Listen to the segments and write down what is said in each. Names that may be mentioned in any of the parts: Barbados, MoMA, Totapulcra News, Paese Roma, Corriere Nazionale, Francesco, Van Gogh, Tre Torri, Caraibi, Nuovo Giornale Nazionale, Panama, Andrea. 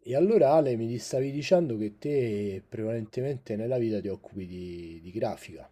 E allora Ale, mi stavi dicendo che te prevalentemente nella vita ti occupi di grafica,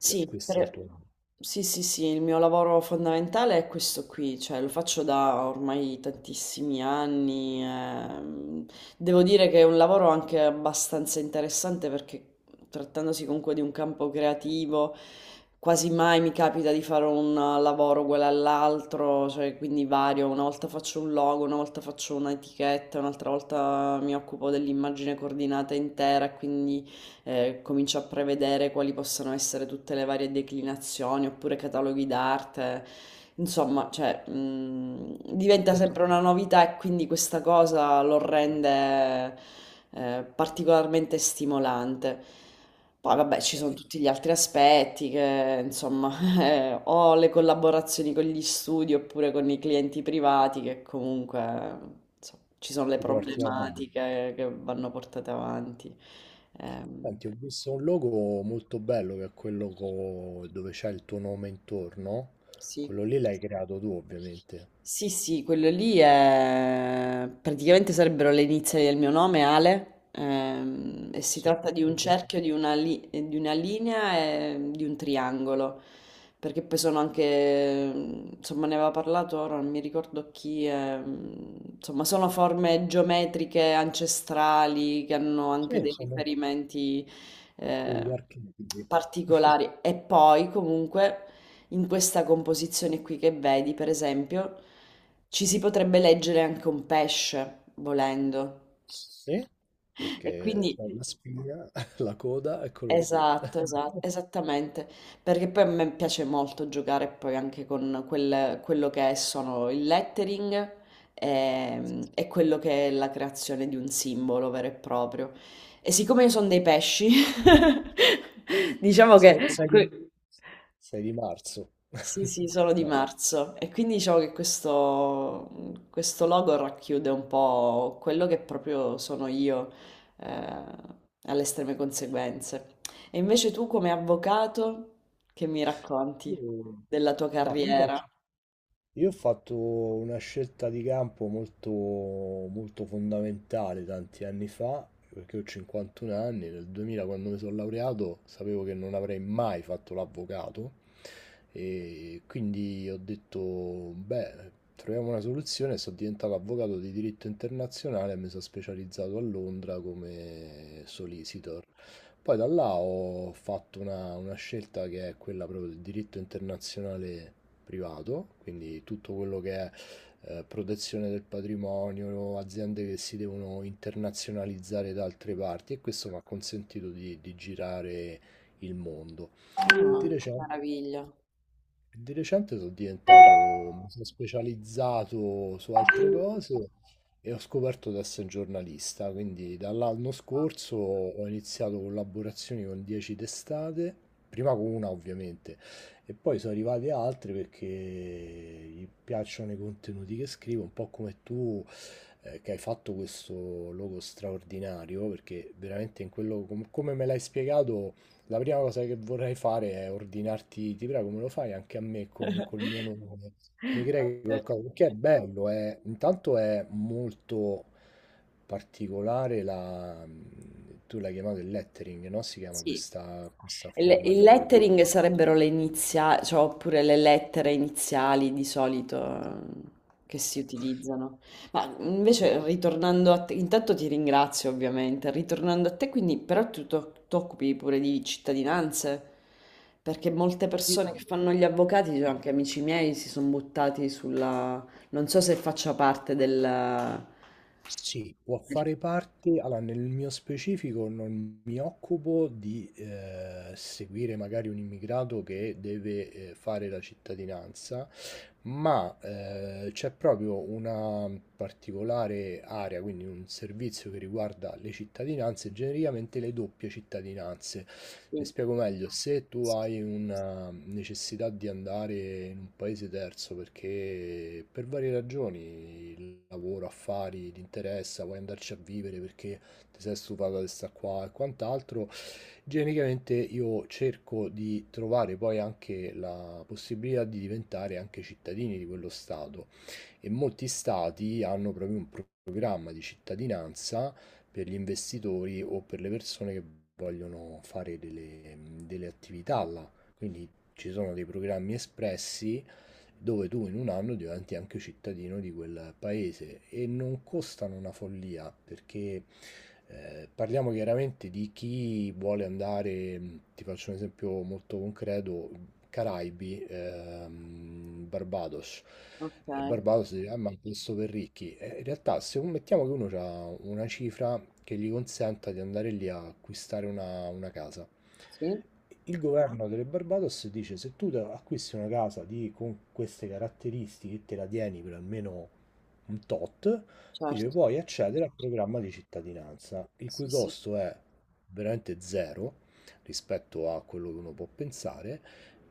cioè questo è il per- tuo lavoro, sì, sì, sì, il mio lavoro fondamentale è questo qui, cioè lo faccio da ormai tantissimi anni. Devo dire che è un lavoro anche abbastanza interessante, perché, trattandosi comunque di un campo creativo, quasi mai mi capita di fare un lavoro uguale all'altro, cioè, quindi, vario: una volta faccio un logo, una volta faccio un'etichetta, un'altra volta mi occupo dell'immagine coordinata intera, quindi comincio a prevedere quali possono essere tutte le varie declinazioni oppure cataloghi d'arte. Insomma, cioè, diventa sempre una novità e quindi questa cosa lo rende particolarmente stimolante. Poi vabbè, ci sono tutti gli altri aspetti che, insomma, o le collaborazioni con gli studi oppure con i clienti privati che, comunque, insomma, ci sono le, ti certo, porti avanti. problematiche che vanno portate avanti. Ehm, Senti, ho visto un logo molto bello che è quello dove c'è il tuo nome intorno. Sì. Quello lì l'hai creato tu ovviamente. Sì, sì, quello lì è... praticamente sarebbero le iniziali del mio nome, Ale, e si Sì, tratta di sì, un sì. cerchio, di una, di una linea e di un triangolo, perché poi sono anche, insomma, ne aveva parlato ora, non mi ricordo chi, insomma, sono forme geometriche ancestrali che hanno anche Sì, dei sono riferimenti eh, degli archetipi. particolari e poi comunque... In questa composizione qui che vedi, per esempio, ci si potrebbe leggere anche un pesce, volendo. Sì, E perché quindi, c'è la spina, la coda, eccolo lì. esatto, esatto, esattamente, perché poi a me piace molto giocare poi anche con quello che sono il lettering, e quello che è la creazione di un simbolo vero e proprio. E siccome io sono dei pesci, diciamo che... Sai che 6 di marzo. Sì, sì, solo di No. marzo. E quindi diciamo che questo logo racchiude un po' quello che proprio sono io, eh, alle estreme conseguenze. E invece tu, come avvocato, che mi racconti Io- della tua Ma io faccio, carriera? Io ho fatto una scelta di campo molto, molto fondamentale tanti anni fa, perché ho 51 anni. Nel 2000, quando mi sono laureato, sapevo che non avrei mai fatto l'avvocato, e quindi ho detto, beh, troviamo una soluzione. Sono diventato avvocato di diritto internazionale e mi sono specializzato a Londra come solicitor. Poi da là ho fatto una scelta che è quella proprio del diritto internazionale privato, quindi tutto quello che è protezione del patrimonio, aziende che si devono internazionalizzare da altre parti, e questo mi ha consentito di girare il mondo. Che, Di che recente meraviglia. di recente mi sono specializzato su altre cose e ho scoperto di essere giornalista, quindi dall'anno scorso ho iniziato collaborazioni con 10 testate, prima con una ovviamente, e poi sono arrivate altre perché gli piacciono i contenuti che scrivo, un po' come tu che hai fatto questo logo straordinario, perché veramente in quello, come me l'hai spiegato... La prima cosa che vorrei fare è ordinarti, ti prego, me lo fai anche a me con col mio nome. Mi crei Vabbè. qualcosa, perché è bello, intanto è molto particolare la... Tu l'hai chiamato il lettering, no? Si chiama Sì. questa Il forma il di... lettering sarebbero le iniziali, cioè, oppure le lettere iniziali di solito che si utilizzano. Ma invece, ritornando a te, intanto ti ringrazio ovviamente. Ritornando a te, quindi, però, tu ti occupi pure di cittadinanze, perché molte Io- persone che fanno gli avvocati, cioè anche amici miei, si sono buttati sulla... Non so se faccia parte del... Sì, può del- fare parte. Allora, nel mio specifico non mi occupo di seguire magari un immigrato che deve fare la cittadinanza, ma c'è proprio una particolare area, quindi un servizio che riguarda le cittadinanze, genericamente le doppie cittadinanze. Mi sì, spiego meglio, se tu hai una necessità di andare in un paese terzo perché per varie ragioni, il lavoro, affari, ti interessa, vuoi andarci a vivere perché ti sei stufato di stare qua e quant'altro, genericamente io cerco di trovare poi anche la possibilità di diventare anche cittadini di quello stato. E molti stati hanno proprio un programma di cittadinanza per gli investitori o per le persone che vogliono fare delle attività là. Quindi ci sono dei programmi espressi dove tu in un anno diventi anche cittadino di quel paese, e non costano una follia, perché parliamo chiaramente di chi vuole andare, ti faccio un esempio molto concreto: Caraibi, Barbados. ok, E Barbados dice, ah, ma questo per ricchi. E in realtà, se un- mettiamo che uno ha una cifra che gli consenta di andare lì a acquistare una casa, sì, il governo delle Barbados dice: se tu acquisti una casa con queste caratteristiche e te la tieni per almeno un tot, dice, certo. puoi accedere al programma di cittadinanza, il Sì, cui sì. costo è veramente zero rispetto a quello che uno può pensare,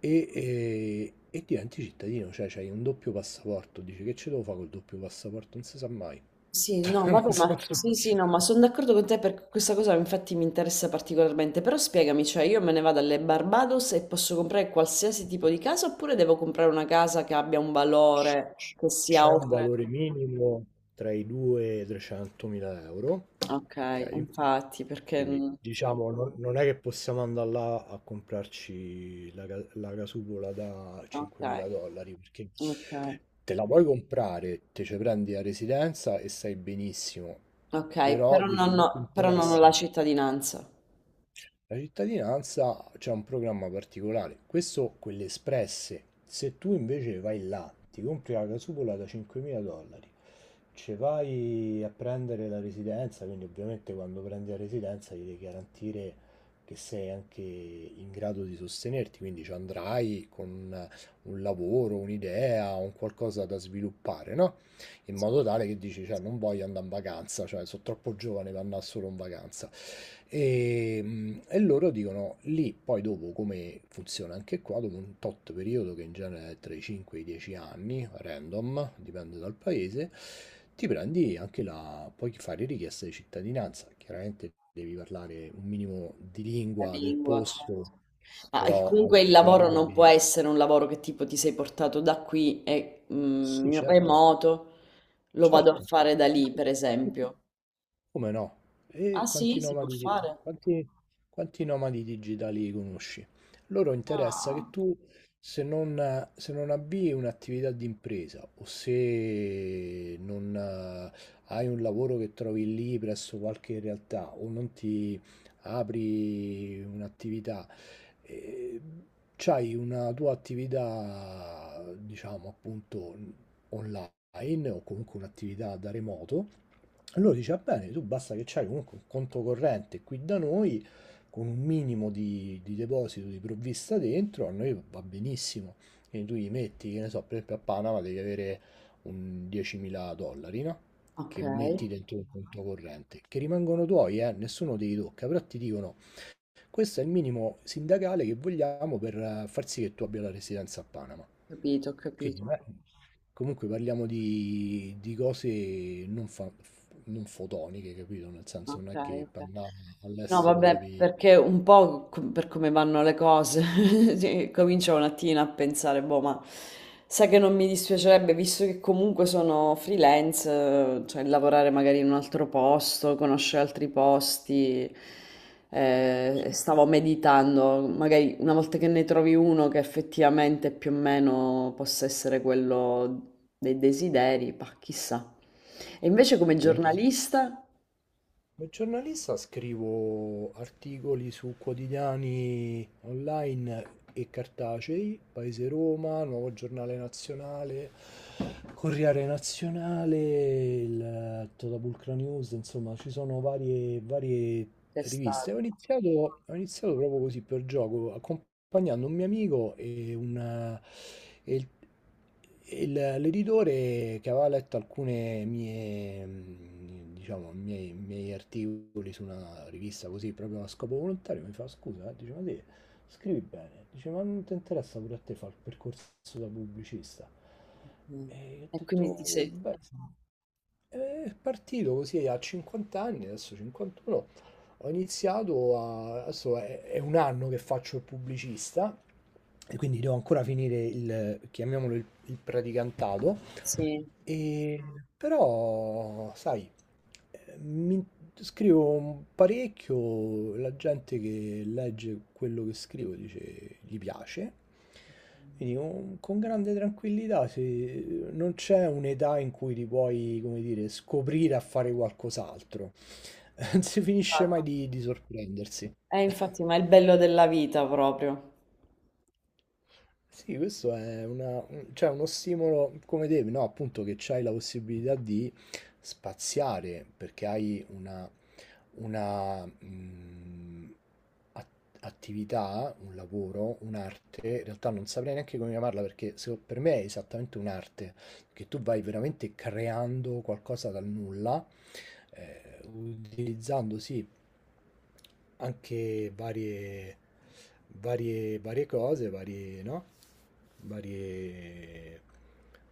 e diventi cittadino. Cioè c'hai un doppio passaporto; dici, che ce devo fare col doppio passaporto? Non si sa mai. Sì, no, Nel vabbè, ma senso, ah, sì, sì, no, ma sono d'accordo con te, perché questa cosa infatti mi interessa particolarmente. Però spiegami, cioè io me ne vado alle Barbados e posso comprare qualsiasi tipo di casa oppure devo comprare una casa che abbia un c- valore che sia c'è un oltre. valore minimo tra i 2 e i 300.000 euro, Ok, ok? infatti, perché Quindi diciamo non è che possiamo andare là a comprarci la casupola da ok, 5.000 dollari, perché ok, te la puoi comprare, te ci prendi la residenza e stai benissimo, ok, però dice, se ti però non ho la interessa cittadinanza, la cittadinanza, c'è un programma particolare, questo, quelle espresse. Se tu invece vai là, ti compri la casupola da 5.000 dollari, ci vai a prendere la residenza, quindi ovviamente quando prendi la residenza gli devi garantire che sei anche in grado di sostenerti, quindi ci andrai con un lavoro, un'idea, un qualcosa da sviluppare, no? In modo tale che dici, cioè, non voglio andare in vacanza, cioè, sono troppo giovane per andare solo in vacanza. E, e loro dicono lì, poi dopo come funziona anche qua, dopo un tot periodo che in genere è tra i 5 e i 10 anni, random, dipende dal paese, ti prendi anche puoi fare richiesta di cittadinanza, chiaramente devi parlare un minimo di la lingua del lingua, certo. posto, Ma però comunque il ai lavoro non può Caraibi, essere un lavoro che, tipo, ti sei portato da qui e, mm, sì, in certo, remoto. Lo vado a certo. fare da lì, per esempio. Come no? Ah E quanti sì, si può nomadi, di- fare? quanti, quanti nomadi digitali conosci? Loro interessa che Ah, tu, se non avvii un'attività di impresa o se non hai un lavoro che trovi lì presso qualche realtà, o non ti apri un'attività, eh, c'hai una tua attività, diciamo appunto, online online o comunque un'attività da remoto. Allora dice, va bene, tu basta che c'hai comunque un conto corrente qui da noi, con un minimo di deposito di provvista dentro, a noi va benissimo. Quindi tu gli metti, che ne so, per esempio a Panama devi avere un 10.000 dollari, no? ok, Che ho metti dentro un conto corrente, che rimangono tuoi, nessuno te li tocca, però ti dicono, questo è il minimo sindacale che vogliamo per far sì che tu abbia la residenza a Panama. capito, ho Quindi, capito. beh, comunque parliamo di cose non fotoniche, capito? Nel senso, non è Okay, che per okay. andare No, all'estero vabbè, devi... perché un po' co- per come vanno le cose, sì, comincio un attimo a pensare, boh, ma sai che non mi dispiacerebbe, visto che comunque sono freelance, cioè lavorare magari in un altro posto, conoscere altri posti. Sì. Stavo meditando, magari una volta che ne trovi uno che effettivamente più o meno possa essere quello dei desideri, bah, chissà. E invece come giornalista? Da giornalista scrivo articoli su quotidiani online e cartacei: Paese Roma, Nuovo Giornale Nazionale, Corriere Nazionale, il Totapulcra News, insomma, ci sono varie C'è riviste. Ho stato. iniziato, ho iniziato proprio così per gioco, accompagnando un mio amico, e il- e l'editore, che aveva letto alcune diciamo, miei articoli su una rivista così, proprio a scopo volontario, mi fa, scusa, eh? Dice, ma te scrivi bene, dice, ma non ti interessa pure a te fare il percorso da pubblicista? Mh. E io ho E detto, quindi ti "Oh, sei beh, sì." È partito così a 50 anni, adesso 51. Ho iniziato a... adesso è un anno che faccio il pubblicista, e quindi devo ancora finire il, chiamiamolo il praticantato, sì, e, però sai, eh, mi- scrivo parecchio, la gente che legge quello che scrivo dice gli piace. Quindi, con grande tranquillità, non c'è un'età in cui ti puoi, come dire, scoprire a fare qualcos'altro. Non si finisce esatto. mai di sorprendersi. Infatti, ma è il bello della vita proprio. Sì, questo cioè, uno stimolo come te, no? Appunto che c'hai la possibilità di spaziare, perché hai una una mh, at- attività, un lavoro, un'arte, in realtà non saprei neanche come chiamarla, perché per me è esattamente un'arte, che tu vai veramente creando qualcosa dal nulla, utilizzando sì anche varie cose, varie, no? Varie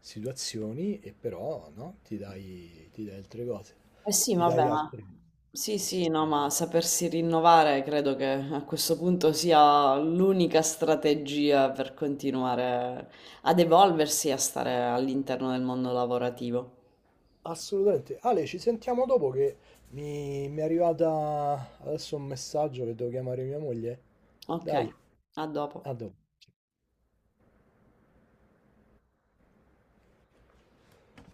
situazioni, e, però no? ti dai altre cose, Eh sì, ti vabbè, dai ma altre sì, sì, no, possibilità. ma sapersi rinnovare credo che a questo punto sia l'unica strategia per continuare ad evolversi e a stare all'interno del mondo lavorativo. Assolutamente. Ale, ci sentiamo dopo, che mi è arrivata adesso un messaggio che devo chiamare mia moglie. Ok, Dai, a dopo. a dopo.